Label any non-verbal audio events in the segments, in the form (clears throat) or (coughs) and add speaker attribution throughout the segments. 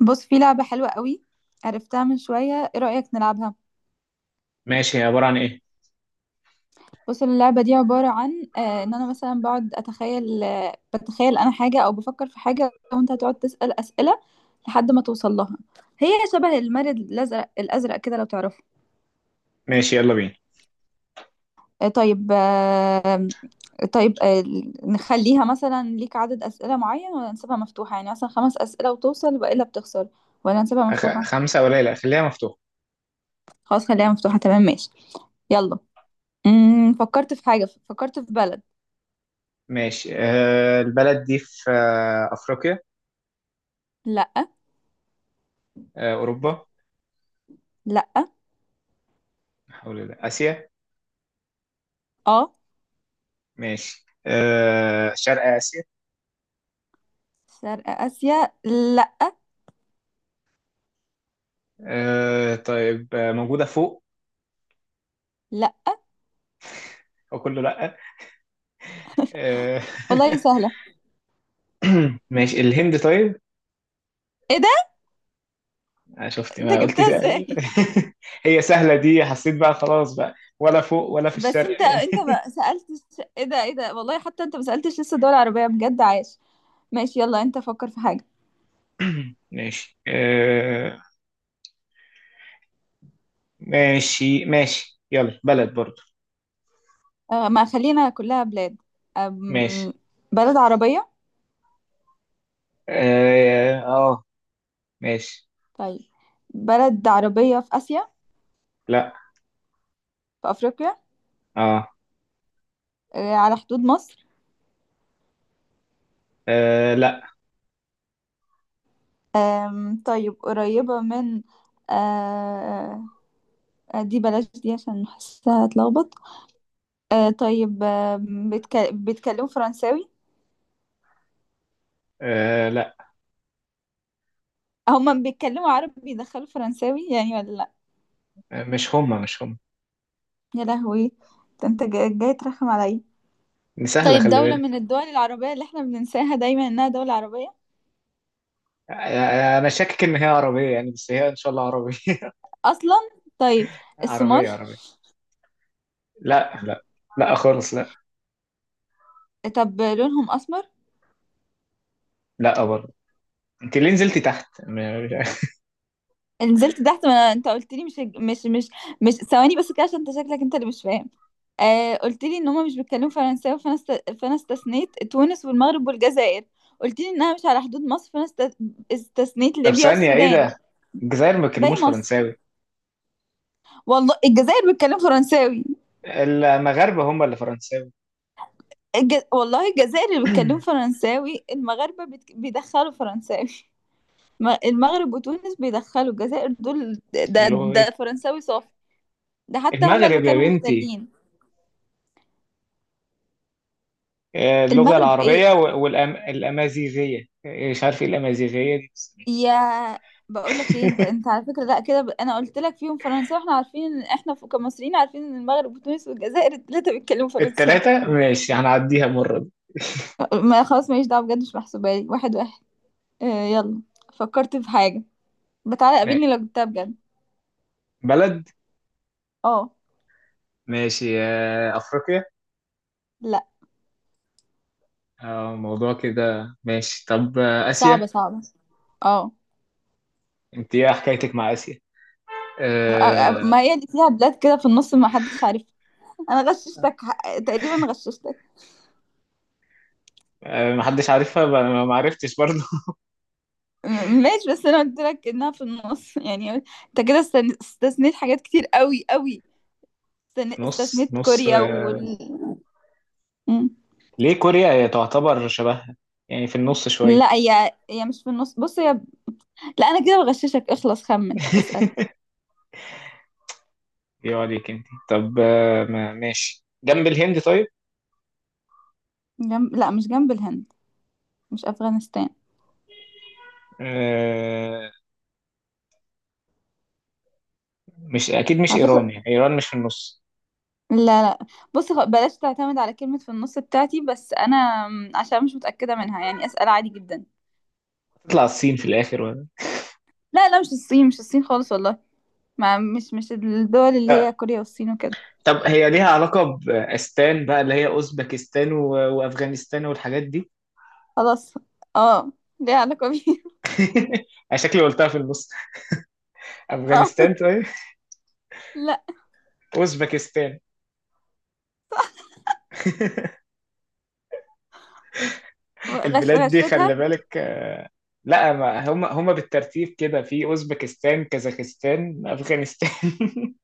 Speaker 1: بص، في لعبة حلوة قوي عرفتها من شوية. ايه رأيك نلعبها؟
Speaker 2: ماشي، هي عبارة عن إيه؟
Speaker 1: بص، اللعبة دي عبارة عن ان انا مثلا بقعد اتخيل، بتخيل انا حاجة او بفكر في حاجة، وانت هتقعد تسأل أسئلة لحد ما توصل لها. هي شبه المارد الازرق كده، لو تعرفه.
Speaker 2: ماشي يلا بينا.
Speaker 1: طيب. طيب. نخليها مثلا ليك عدد أسئلة معين ولا نسيبها مفتوحة؟ يعني مثلا خمس أسئلة وتوصل والا بتخسر، ولا نسيبها مفتوحة؟
Speaker 2: خمسة قليلة، خليها مفتوحة.
Speaker 1: خلاص، خليها مفتوحة. تمام، ماشي. يلا. فكرت في حاجة، فكرت في بلد.
Speaker 2: ماشي، البلد دي في أفريقيا؟
Speaker 1: لا.
Speaker 2: أوروبا؟
Speaker 1: لا.
Speaker 2: حول الله. آسيا؟
Speaker 1: اه.
Speaker 2: ماشي، شرق آسيا؟
Speaker 1: شرق اسيا. لا.
Speaker 2: طيب، موجودة فوق؟
Speaker 1: لا.
Speaker 2: أو كله لأ. آه.
Speaker 1: والله سهله.
Speaker 2: (laughs) ماشي، الهند طيب.
Speaker 1: ايه ده؟
Speaker 2: آه، شفت
Speaker 1: انت
Speaker 2: ما قلتي
Speaker 1: جبتها
Speaker 2: سهل.
Speaker 1: ازاي؟ (laughs)
Speaker 2: (laughs) هي سهلة دي، حسيت بقى خلاص بقى، ولا فوق ولا في
Speaker 1: بس
Speaker 2: الشرق
Speaker 1: انت
Speaker 2: يعني.
Speaker 1: انت ما سالتش. ايه ده، ايه ده، والله حتى انت ما سالتش لسه. دول عربيه بجد، عايش. ماشي، يلا، انت فكر في حاجه.
Speaker 2: (coughs) (clears throat) ماشي ماشي ماشي، يلا بلد برضو.
Speaker 1: ما خلينا كلها بلاد. أم
Speaker 2: ماشي.
Speaker 1: بلد عربيه.
Speaker 2: اه، ماشي.
Speaker 1: طيب. بلد عربيه في اسيا؟
Speaker 2: لا.
Speaker 1: في افريقيا؟
Speaker 2: اه.
Speaker 1: على حدود مصر؟
Speaker 2: آه، لا.
Speaker 1: طيب، قريبه من... آه دي بلاش دي عشان حاسها هتلخبط. طيب. بيتكلموا فرنساوي؟
Speaker 2: آه، لا.
Speaker 1: هما بيتكلموا عربي بيدخلوا فرنساوي يعني، ولا لا؟
Speaker 2: مش هما.
Speaker 1: يا لهوي، ده انت جاي ترخم عليا.
Speaker 2: دي سهلة،
Speaker 1: طيب،
Speaker 2: خلي
Speaker 1: دولة
Speaker 2: بالك.
Speaker 1: من الدول العربية اللي احنا بننساها دايما انها دولة عربية
Speaker 2: انا شاكك ان هي عربية يعني، بس هي ان شاء الله عربية. (laughs)
Speaker 1: اصلا. طيب، الصومال؟
Speaker 2: عربية عربية. لا، لا، لا خالص، لا.
Speaker 1: طب لونهم اسمر؟
Speaker 2: لا برضه. انت ليه نزلتي تحت؟ (laughs) مش عارف.
Speaker 1: نزلت تحت، ما انت قلت لي مش مش، ثواني بس كده عشان انت شكلك انت اللي مش فاهم. قلت لي ان هما مش بيتكلموا فرنساوي، فانا استثنيت تونس والمغرب والجزائر. قلت لي انها مش على حدود مصر، استثنيت
Speaker 2: طب
Speaker 1: ليبيا
Speaker 2: ثانية، ايه
Speaker 1: والسودان.
Speaker 2: ده؟ الجزائر ما
Speaker 1: باقي
Speaker 2: بيتكلموش
Speaker 1: مصر.
Speaker 2: فرنساوي؟
Speaker 1: والله الجزائر بيتكلموا فرنساوي.
Speaker 2: المغاربة هم اللي فرنساوي.
Speaker 1: والله الجزائر اللي بيتكلموا
Speaker 2: (clears throat)
Speaker 1: فرنساوي، المغاربة بيدخلوا فرنساوي. المغرب وتونس بيدخلوا، الجزائر دول ده
Speaker 2: لغة.
Speaker 1: ده فرنساوي صافي. ده حتى هما اللي
Speaker 2: المغرب يا
Speaker 1: كانوا
Speaker 2: بنتي.
Speaker 1: محتلين.
Speaker 2: اللغة
Speaker 1: المغرب ايه؟
Speaker 2: العربية والأمازيغية، مش عارف ايه الأمازيغية دي، بس ماشي.
Speaker 1: يا، بقول لك ايه، انت على فكره لا كده انا قلت لك فيهم فرنساوي، احنا عارفين ان احنا كمصريين عارفين ان المغرب وتونس والجزائر (laughs) الثلاثه بيتكلموا فرنساوي.
Speaker 2: التلاتة؟ ماشي، هنعديها مرة دي.
Speaker 1: ما خلاص، ماليش دعوه، بجد مش محسوبه لي. واحد واحد. يلا، فكرت في حاجه، بتعالى
Speaker 2: ماشي.
Speaker 1: قابلني لو جبتها بجد.
Speaker 2: بلد.
Speaker 1: اه.
Speaker 2: ماشي، أفريقيا؟
Speaker 1: لا.
Speaker 2: موضوع كده. ماشي، طب
Speaker 1: صعبه
Speaker 2: آسيا؟
Speaker 1: صعبه. اه.
Speaker 2: انت ايه حكايتك مع آسيا؟ أه.
Speaker 1: ما هي اللي فيها بلاد كده في النص ما حدش عارفها. انا غششتك، تقريبا غششتك.
Speaker 2: أه، محدش عارفها. ما عرفتش برضه.
Speaker 1: ماشي، بس انا قلت لك انها في النص (laughs) يعني انت كده استثنيت حاجات كتير قوي قوي.
Speaker 2: (laughs) في نص
Speaker 1: استثنيت
Speaker 2: نص.
Speaker 1: كوريا
Speaker 2: آه،
Speaker 1: مم.
Speaker 2: ليه كوريا هي تعتبر شبهها؟ يعني في النص شوية.
Speaker 1: لا هي مش في النص، بص هي. لا انا كده بغششك، اخلص خمن، اسأل.
Speaker 2: (laughs) ايه عليك انت؟ طب ماشي، جنب الهند طيب.
Speaker 1: جنب... لا، مش جنب الهند. مش افغانستان.
Speaker 2: أه. مش أكيد مش
Speaker 1: على
Speaker 2: إيران؟
Speaker 1: فكرة،
Speaker 2: يعني إيران مش في النص؟
Speaker 1: لا، لا. بص، بلاش تعتمد على كلمة في النص بتاعتي، بس انا عشان مش متأكدة منها، يعني اسأل عادي جدا.
Speaker 2: تطلع الصين في الآخر ولا؟
Speaker 1: لا، لا، مش الصين، مش الصين خالص والله. ما مش الدول اللي هي كوريا والصين وكده.
Speaker 2: طب هي ليها علاقة بأستان بقى، اللي هي أوزبكستان وأفغانستان والحاجات دي؟
Speaker 1: خلاص. اه. ليها علاقة بيها.
Speaker 2: (laughs) أنا شكلي قلتها في النص.
Speaker 1: (laughs) اه.
Speaker 2: أفغانستان طيب؟
Speaker 1: لا.
Speaker 2: أوزبكستان؟ البلاد دي
Speaker 1: غشتها.
Speaker 2: خلي بالك. آه، لا، ما هم هم بالترتيب كده: في أوزبكستان، كازاخستان، أفغانستان. (laughs)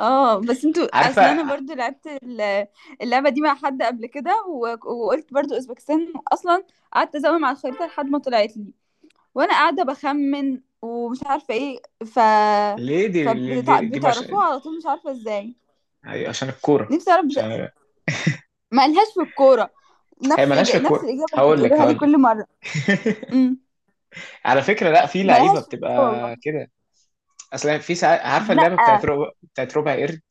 Speaker 1: اه، بس انتوا
Speaker 2: عارفة
Speaker 1: اصل انا برضو لعبت اللعبه دي مع حد قبل كده، وقلت برضو اوزبكستان اصلا. قعدت ازوم على الخريطه لحد ما طلعت لي، وانا قاعده بخمن ومش عارفه ايه
Speaker 2: ليه دي مش...
Speaker 1: فبتعرفوها على طول، مش عارفه ازاي.
Speaker 2: أيوة، عشان الكورة.
Speaker 1: نفسي اعرف
Speaker 2: عشان
Speaker 1: مالهاش في الكوره.
Speaker 2: هي مالهاش في
Speaker 1: نفس
Speaker 2: الكورة.
Speaker 1: الاجابه اللي
Speaker 2: هقول لك
Speaker 1: بتقولوها لي
Speaker 2: هقول لك.
Speaker 1: كل مره. امم.
Speaker 2: على فكرة، لا، في
Speaker 1: مالهاش
Speaker 2: لعيبة
Speaker 1: في
Speaker 2: بتبقى
Speaker 1: الكوره والله.
Speaker 2: كده. اصل يعني في ساعات، عارفة اللعبة
Speaker 1: لا.
Speaker 2: بتاعت ربع، بتاعت ربع قرد.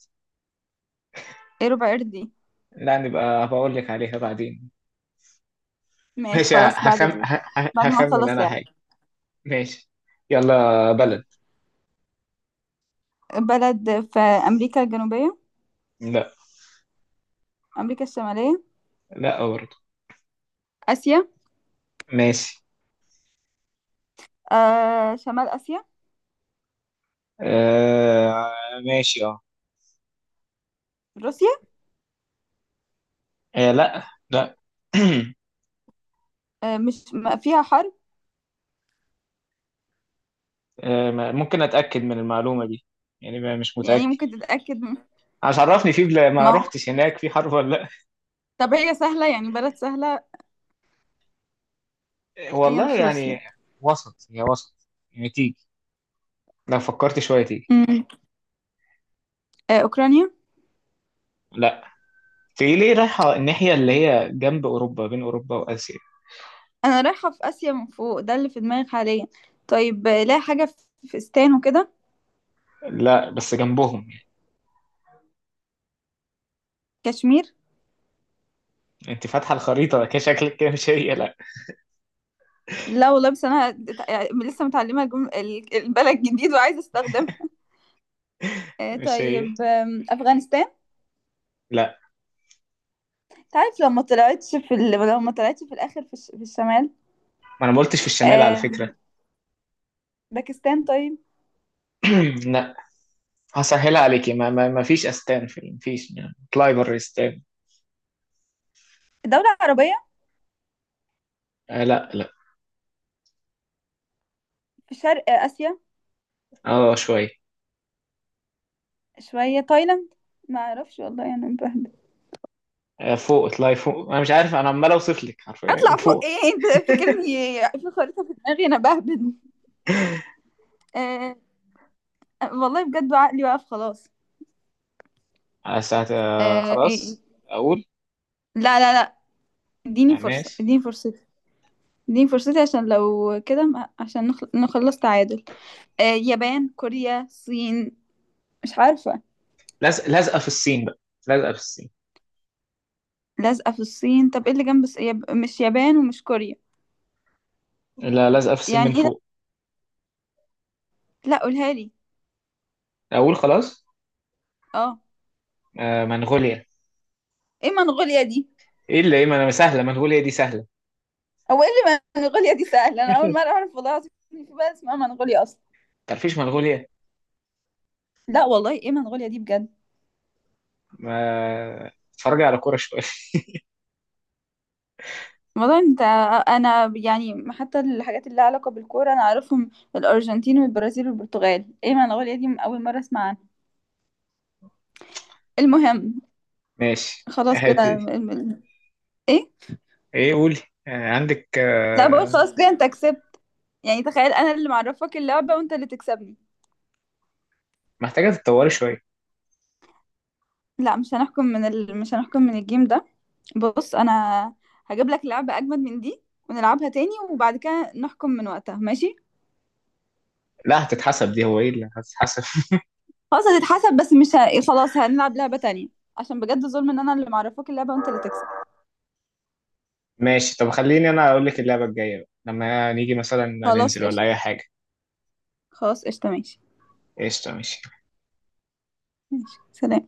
Speaker 1: ايه ربع قردي؟
Speaker 2: لا، نبقى بقول لك عليها بعدين.
Speaker 1: ماشي
Speaker 2: ماشي،
Speaker 1: خلاص، بعد بعد ما
Speaker 2: هخمن
Speaker 1: اخلص
Speaker 2: انا
Speaker 1: لعب.
Speaker 2: حاجة. ماشي، يلا بلد.
Speaker 1: بلد في امريكا الجنوبيه؟
Speaker 2: لا.
Speaker 1: أمريكا الشمالية؟
Speaker 2: لا برضه.
Speaker 1: آسيا؟
Speaker 2: ماشي.
Speaker 1: شمال آسيا؟
Speaker 2: آه... ماشي. اه.
Speaker 1: روسيا؟
Speaker 2: لا، لا.
Speaker 1: مش ما فيها حرب؟
Speaker 2: (clears throat) ممكن اتاكد من المعلومة دي؟ يعني مش
Speaker 1: يعني
Speaker 2: متاكد.
Speaker 1: ممكن تتأكد
Speaker 2: ما
Speaker 1: ما هو.
Speaker 2: رحتش هناك، في حرب ولا لا؟ (laughs)
Speaker 1: طب هي سهلة يعني؟ بلد سهلة؟
Speaker 2: آه،
Speaker 1: هي
Speaker 2: والله
Speaker 1: مش
Speaker 2: يعني.
Speaker 1: روسيا؟
Speaker 2: وسط، هي وسط يعني، تيجي. لو فكرت شوية تيجي.
Speaker 1: مم. أوكرانيا؟
Speaker 2: لا. في، ليه رايحة الناحية اللي هي جنب أوروبا، بين أوروبا وآسيا؟
Speaker 1: أنا رايحة في آسيا من فوق، ده اللي في دماغي حاليا. طيب، لا حاجة في فستان وكده.
Speaker 2: لا بس جنبهم.
Speaker 1: كشمير؟
Speaker 2: انت فاتحه الخريطه كده، شكلك كده. مش هي، لا.
Speaker 1: لا والله، بس أنا يعني لسه متعلمة البلد جديد وعايزة أستخدمها.
Speaker 2: مش هي،
Speaker 1: طيب. أفغانستان؟
Speaker 2: لا.
Speaker 1: تعرف لو ما طلعتش في لو ما طلعتش في الآخر في، في الشمال.
Speaker 2: ما انا ما قلتش في الشمال على فكره.
Speaker 1: باكستان طيب؟
Speaker 2: (clears throat) لا. هسهلها عليكي: ما فيش استان في، ما فيش يعني. اطلعي بره استان.
Speaker 1: دولة عربية؟
Speaker 2: آه، لا، لا.
Speaker 1: في شرق آسيا؟
Speaker 2: اه شويه.
Speaker 1: شوية. تايلاند؟ ما اعرفش والله، انا يعني بهبد.
Speaker 2: آه، فوق، اطلعي فوق، انا مش عارف، انا عمال اوصف لك حرفيا
Speaker 1: اطلع فوق
Speaker 2: فوق.
Speaker 1: ايه، انت فاكرني في خريطة في دماغي؟ انا بهبد. آه والله بجد عقلي واقف خلاص.
Speaker 2: على ساعه. آه
Speaker 1: إيه، إيه.
Speaker 2: خلاص، اقول.
Speaker 1: لا، لا، لا، اديني
Speaker 2: آه
Speaker 1: فرصة،
Speaker 2: ماشي.
Speaker 1: اديني فرصتي. اديني فرصتي عشان لو كده، عشان نخلص تعادل. يابان، كوريا، الصين؟ مش عارفة.
Speaker 2: لازق، لازقه في الصين بقى. لازقه في الصين.
Speaker 1: لازقة في الصين؟ طب ايه اللي جنب مش يابان ومش كوريا؟
Speaker 2: لا، لازقه في الصين
Speaker 1: يعني
Speaker 2: من
Speaker 1: ايه ده؟
Speaker 2: فوق.
Speaker 1: لا، قولها لي.
Speaker 2: اقول خلاص.
Speaker 1: اه.
Speaker 2: آه منغوليا.
Speaker 1: ايه منغوليا دي؟
Speaker 2: ايه اللي ايه، ما انا سهله، منغوليا دي سهله.
Speaker 1: هو ايه اللي منغوليا دي سهله؟ انا اول مره
Speaker 2: (laughs)
Speaker 1: اعرف والله العظيم إن في بلد اسمها منغوليا اصلا.
Speaker 2: تعرفيش منغوليا؟
Speaker 1: لا والله، ايه منغوليا دي بجد؟
Speaker 2: ما اتفرجي على كورة شوية.
Speaker 1: والله انت... انا يعني حتى الحاجات اللي لها علاقه بالكوره انا اعرفهم. الارجنتين والبرازيل والبرتغال، ايه منغوليا دي؟ اول مره اسمع عنها. المهم،
Speaker 2: (laughs) ماشي
Speaker 1: خلاص كده
Speaker 2: هاتي.
Speaker 1: ايه.
Speaker 2: ايه؟ قولي. آه، عندك،
Speaker 1: لا، بقول خلاص كده انت كسبت. يعني تخيل انا اللي معرفك اللعبه وانت اللي تكسبني.
Speaker 2: محتاجة تتطوري شوية.
Speaker 1: لا، مش هنحكم من مش هنحكم من الجيم ده. بص انا هجيب لك لعبه اجمد من دي، ونلعبها تاني وبعد كده نحكم من وقتها، ماشي؟
Speaker 2: لا هتتحسب دي، هو ايه اللي هتتحسب؟ (laughs)
Speaker 1: خلاص هتتحسب، بس مش ه... خلاص هنلعب لعبة تانية عشان بجد ظلم ان انا اللي معرفاك اللعبة وانت اللي تكسب.
Speaker 2: ماشي، طب خليني انا اقول لك اللعبة الجاية بقى، لما نيجي مثلا
Speaker 1: خلاص
Speaker 2: ننزل ولا
Speaker 1: قشطة.
Speaker 2: اي حاجة.
Speaker 1: خلاص قشطة ماشي.
Speaker 2: قشطة، ماشي.
Speaker 1: ماشي، سلام.